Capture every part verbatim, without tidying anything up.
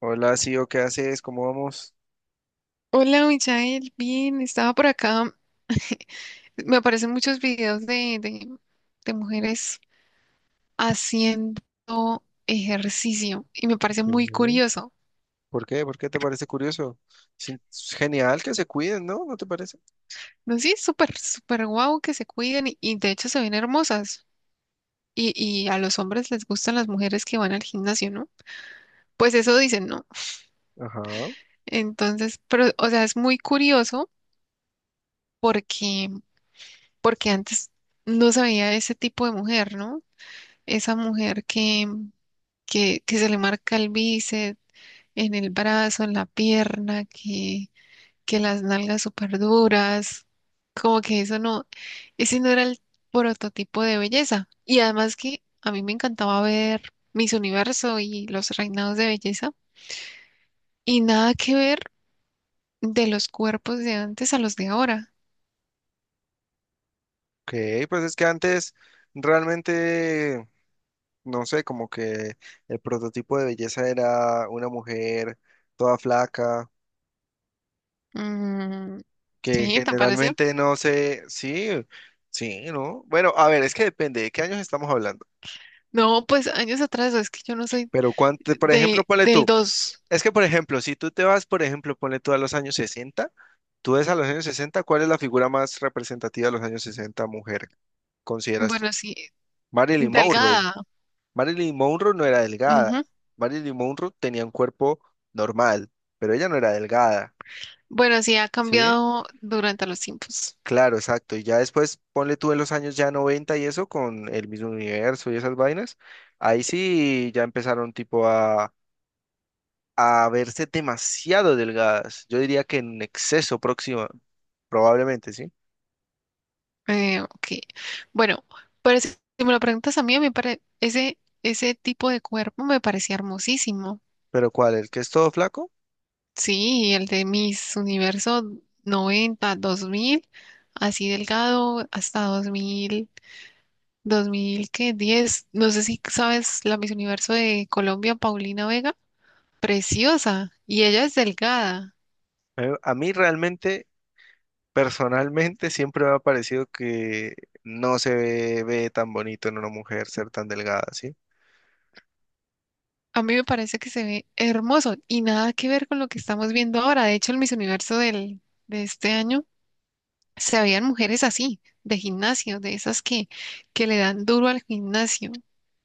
Hola, Sio, ¿qué haces? ¿Cómo vamos? Hola, Michael, bien, estaba por acá. Me aparecen muchos videos de, de, de mujeres haciendo ejercicio y me parece muy Ok. curioso. ¿Por qué? ¿Por qué te parece curioso? Sin- Es genial que se cuiden, ¿no? ¿No te parece? No, sí, es súper, súper guau que se cuiden y, y de hecho se ven hermosas. Y, y a los hombres les gustan las mujeres que van al gimnasio, ¿no? Pues eso dicen, ¿no? Ajá. Entonces, pero, o sea, es muy curioso porque, porque antes no se veía ese tipo de mujer, ¿no? Esa mujer que que, que se le marca el bíceps, en el brazo, en la pierna, que, que las nalgas súper duras, como que eso no, ese no era el prototipo de belleza. Y además que a mí me encantaba ver Miss Universo y los reinados de belleza, y nada que ver de los cuerpos de antes a los de ahora. Ok, pues es que antes realmente, no sé, como que el prototipo de belleza era una mujer toda flaca, Mm, que sí, ¿te parece? generalmente no sé, sí, sí, ¿no? Bueno, a ver, es que depende de qué años estamos hablando. No, pues años atrás, es que yo no soy Pero cuánto, por ejemplo, de, ponle del tú, dos, es que por ejemplo, si tú te vas, por ejemplo, ponle tú a los años sesenta. Tú ves a los años sesenta, ¿cuál es la figura más representativa de los años sesenta mujer, consideras tú? bueno, sí, Marilyn Monroe. delgada. Marilyn Monroe no era Ujú. delgada. Marilyn Monroe tenía un cuerpo normal, pero ella no era delgada, Bueno, sí ha ¿sí? cambiado durante los tiempos. Claro, exacto. Y ya después, ponle tú en los años ya noventa y eso, con el mismo universo y esas vainas, ahí sí ya empezaron tipo a, a verse demasiado delgadas. Yo diría que en exceso próxima, probablemente, ¿sí? Eh, ok. Bueno, pero si si me lo preguntas a mí, me pare- ese, ese tipo de cuerpo me parecía hermosísimo. Pero ¿cuál? ¿El que es todo flaco? Sí, el de Miss Universo noventa dos mil, así delgado, hasta dos mil dos mil ¿qué? diez. No sé si sabes la Miss Universo de Colombia, Paulina Vega. Preciosa. Y ella es delgada. Eh, A mí realmente, personalmente, siempre me ha parecido que no se ve, ve tan bonito en una mujer ser tan delgada, ¿sí? A mí me parece que se ve hermoso y nada que ver con lo que estamos viendo ahora. De hecho, el Miss Universo del, de este año se veían mujeres así, de gimnasio, de esas que, que le dan duro al gimnasio,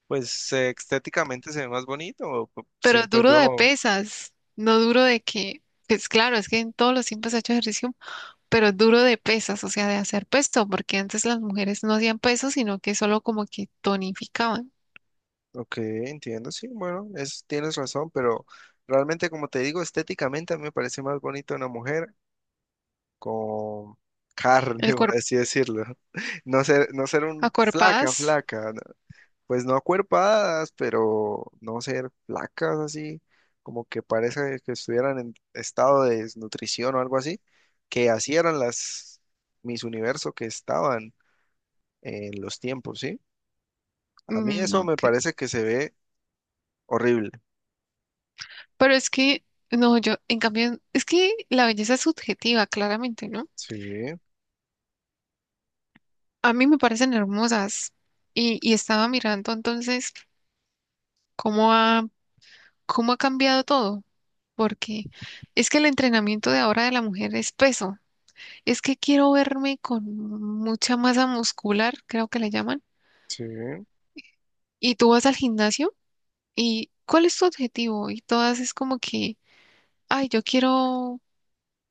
Pues eh, estéticamente se ve más bonito, p- pero siento duro de yo. pesas, no duro de que, pues claro, es que en todos los tiempos he hecho ejercicio, pero duro de pesas, o sea, de hacer peso, porque antes las mujeres no hacían peso, sino que solo como que tonificaban Ok, entiendo, sí, bueno, es, tienes razón, pero realmente, como te digo, estéticamente a mí me parece más bonito una mujer con carne, el por cuerpo, así decirlo. No ser, no ser un flaca, acuerpadas. flaca. ¿No? Pues no acuerpadas, pero no ser flacas así, como que parece que estuvieran en estado de desnutrición o algo así, que así eran las mis Universo que estaban en los tiempos, ¿sí? A mí Mm, eso no, me ok. parece que se ve horrible. Pero es que, no, yo, en cambio, es que la belleza es subjetiva, claramente, ¿no? Sí, A mí me parecen hermosas y, y estaba mirando entonces cómo ha, cómo ha cambiado todo, porque es que el entrenamiento de ahora de la mujer es peso. Es que quiero verme con mucha masa muscular, creo que le llaman, sí, y tú vas al gimnasio y ¿cuál es tu objetivo? Y todas es como que, ay, yo quiero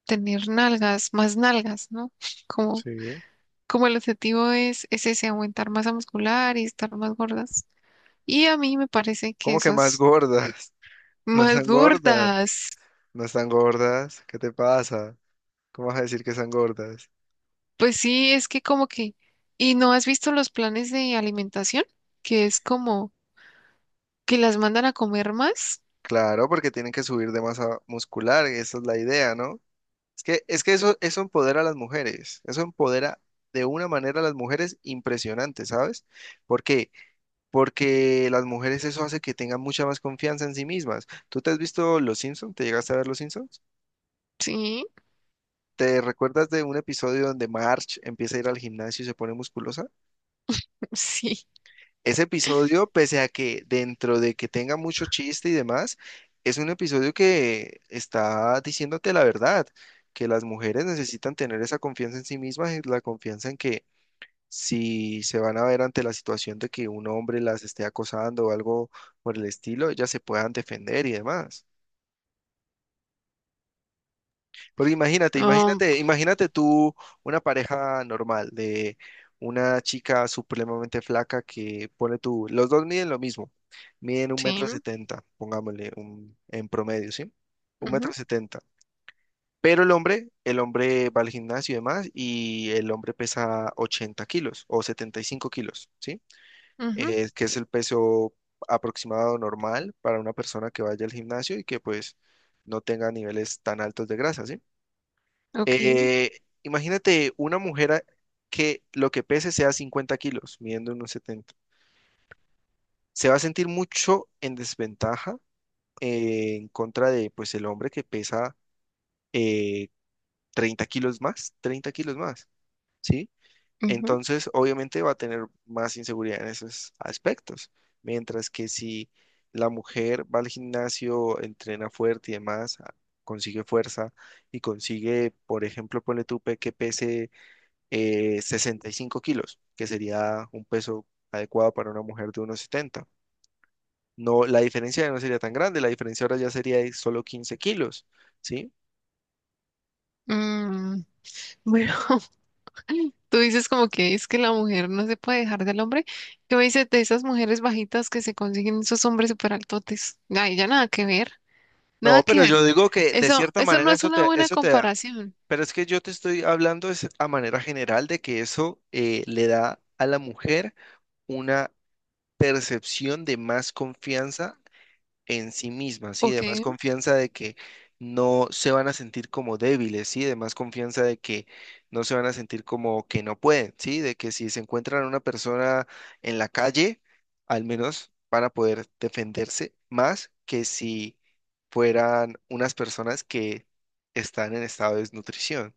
tener nalgas, más nalgas, ¿no? Como sí. como el objetivo es, es ese, aumentar masa muscular y estar más gordas. Y a mí me parece que ¿Cómo que más esas gordas? No más están gordas, gordas, no están gordas. ¿Qué te pasa? ¿Cómo vas a decir que están gordas? pues sí, es que como que, ¿y no has visto los planes de alimentación? Que es como que las mandan a comer más. Claro, porque tienen que subir de masa muscular, esa es la idea, ¿no? Es que, es que eso, eso empodera a las mujeres, eso empodera de una manera a las mujeres impresionante, ¿sabes? ¿Por qué? Porque las mujeres eso hace que tengan mucha más confianza en sí mismas. ¿Tú te has visto Los Simpsons? ¿Te llegaste a ver Los Simpsons? Sí, ¿Te recuerdas de un episodio donde Marge empieza a ir al gimnasio y se pone musculosa? sí, Ese episodio, pese a que dentro de que tenga mucho chiste y demás, es un episodio que está diciéndote la verdad, que las mujeres necesitan tener esa confianza en sí mismas, y la confianza en que si se van a ver ante la situación de que un hombre las esté acosando o algo por el estilo, ellas se puedan defender y demás. Porque imagínate, um, imagínate, imagínate tú una pareja normal de una chica supremamente flaca que pone tú, los dos miden lo mismo, miden un sí, metro setenta, pongámosle un, en promedio, ¿sí? Un metro ujú, setenta. Pero el hombre, el hombre va al gimnasio y demás, y el hombre pesa ochenta kilos o setenta y cinco kilos, ¿sí? ujú, eh, que es el peso aproximado normal para una persona que vaya al gimnasio y que pues no tenga niveles tan altos de grasa, ¿sí? ok, Eh, imagínate una mujer a- que lo que pese sea cincuenta kilos, midiendo unos setenta. Se va a sentir mucho en desventaja eh, en contra de pues el hombre que pesa eh, treinta kilos más, treinta kilos más, ¿sí? ujú, Entonces, obviamente va a tener más inseguridad en esos aspectos. Mientras que si la mujer va al gimnasio, entrena fuerte y demás, a- consigue fuerza y consigue, por ejemplo, ponle tú pe- que pese eh, sesenta y cinco kilos, que sería un peso adecuado para una mujer de unos setenta. No, la diferencia ya no sería tan grande, la diferencia ahora ya sería de solo quince kilos, ¿sí? mm, bueno, Tú dices como que es que la mujer no se puede dejar del hombre. Yo me dices de esas mujeres bajitas que se consiguen esos hombres súper altotes. Ay, ya nada que ver, nada No, que pero ver. yo digo que de Eso, cierta eso no manera es eso una te, buena eso te, comparación, pero es que yo te estoy hablando es a manera general de que eso eh, le da a la mujer una percepción de más confianza en sí misma, ¿sí? ¿ok? De más confianza de que no se van a sentir como débiles, ¿sí? De más confianza de que no se van a sentir como que no pueden, ¿sí? De que si se encuentran a una persona en la calle, al menos van a poder defenderse más que si fueran unas personas que están en estado de desnutrición.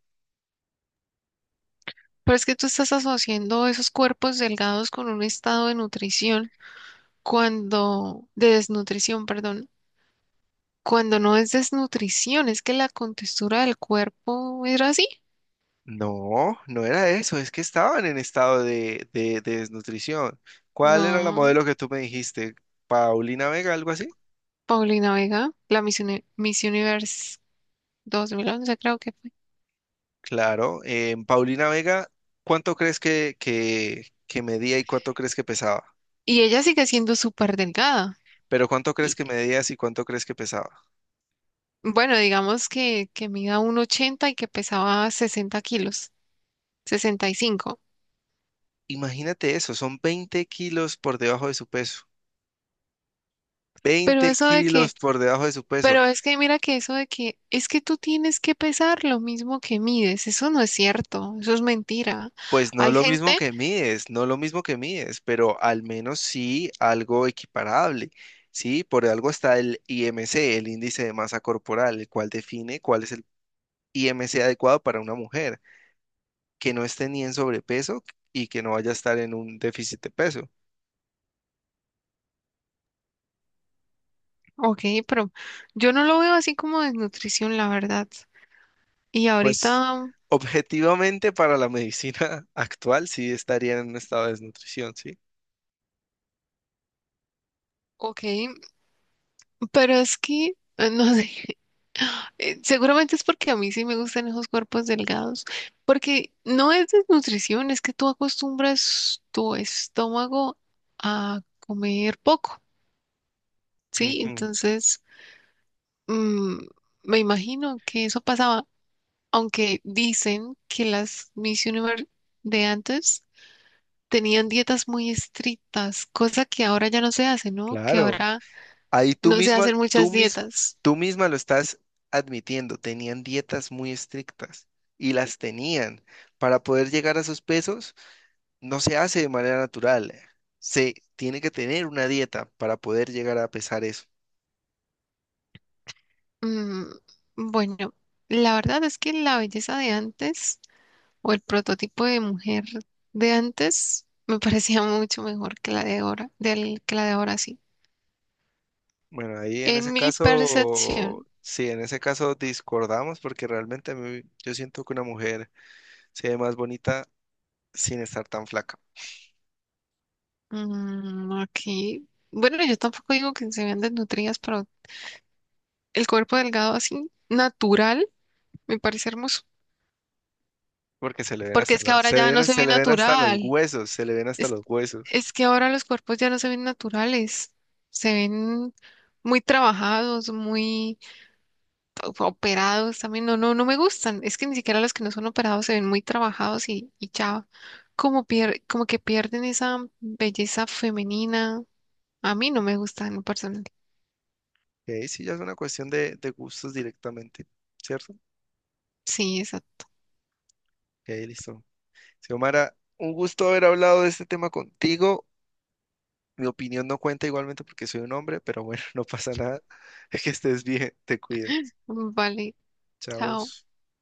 Pero es que tú estás asociando esos cuerpos delgados con un estado de nutrición cuando, de desnutrición, perdón, cuando no es desnutrición, es que la contextura del cuerpo era así. No, no era eso, es que estaban en estado de, de- de desnutrición. ¿Cuál era la No, modelo que tú me dijiste? ¿Paulina Vega, algo así? Paulina Vega, la Miss, Uni- Miss Universe dos mil once, creo que. Claro, en Paulina Vega, ¿cuánto crees que, que, que medía y cuánto crees que pesaba? Y ella sigue siendo súper delgada. Pero ¿cuánto crees Y que medías y cuánto crees que pesaba? bueno, digamos que, que, mida un ochenta y que pesaba sesenta kilos, sesenta y cinco. Imagínate eso, son veinte kilos por debajo de su peso. Pero Veinte eso de kilos que, por debajo de su peso. pero es que mira que eso de que es que tú tienes que pesar lo mismo que mides, eso no es cierto, eso es mentira. Pues no Hay lo mismo gente, que mides, no lo mismo que mides, pero al menos sí algo equiparable, ¿sí? Por algo está el I M C, el índice de masa corporal, el cual define cuál es el I M C adecuado para una mujer, que no esté ni en sobrepeso y que no vaya a estar en un déficit de peso. ok, pero yo no lo veo así como desnutrición, la verdad. Y Pues ahorita, objetivamente para la medicina actual sí estaría en un estado de desnutrición, ¿sí? ok. Pero es que, eh, no sé, eh, seguramente es porque a mí sí me gustan esos cuerpos delgados, porque no es desnutrición, es que tú acostumbras tu estómago a comer poco, ¿sí? Ujú, Entonces, mm, me imagino que eso pasaba, aunque dicen que las Miss Universe de antes tenían dietas muy estrictas, cosa que ahora ya no se hace, ¿no? Que claro. ahora Ahí tú no se misma, hacen tú muchas mismo, dietas. tú misma lo estás admitiendo, tenían dietas muy estrictas y las tenían. Para poder llegar a sus pesos, no se hace de manera natural. Se tiene que tener una dieta para poder llegar a pesar eso. Mm. Bueno, la verdad es que la belleza de antes o el prototipo de mujer de antes me parecía mucho mejor que la de ahora, del, que la de ahora sí. Bueno, ahí en En ese mi caso, percepción, sí, en ese caso discordamos porque realmente a mí- yo siento que una mujer se ve más bonita sin estar tan flaca, mm, aquí, bueno, yo tampoco digo que se vean desnutridas, pero el cuerpo delgado así natural me parece hermoso, porque se le ven porque hasta es que los, ahora se ya no ven- se se ve le ven hasta los natural, huesos, se le ven hasta es, los huesos. es que ahora los cuerpos ya no se ven naturales, se ven muy trabajados, muy operados también, no, no, no me gustan. Es que ni siquiera los que no son operados se ven muy trabajados y, y ya como pier- como que pierden esa belleza femenina. A mí no me gustan en lo personal. Ok, sí, ya es una cuestión de, de gustos directamente, ¿cierto? Ok, Sí, exacto. listo. Xiomara, un gusto haber hablado de este tema contigo. Mi opinión no cuenta igualmente porque soy un hombre, pero bueno, no pasa nada. Que estés bien, te cuidas. Vale, Chao. chao.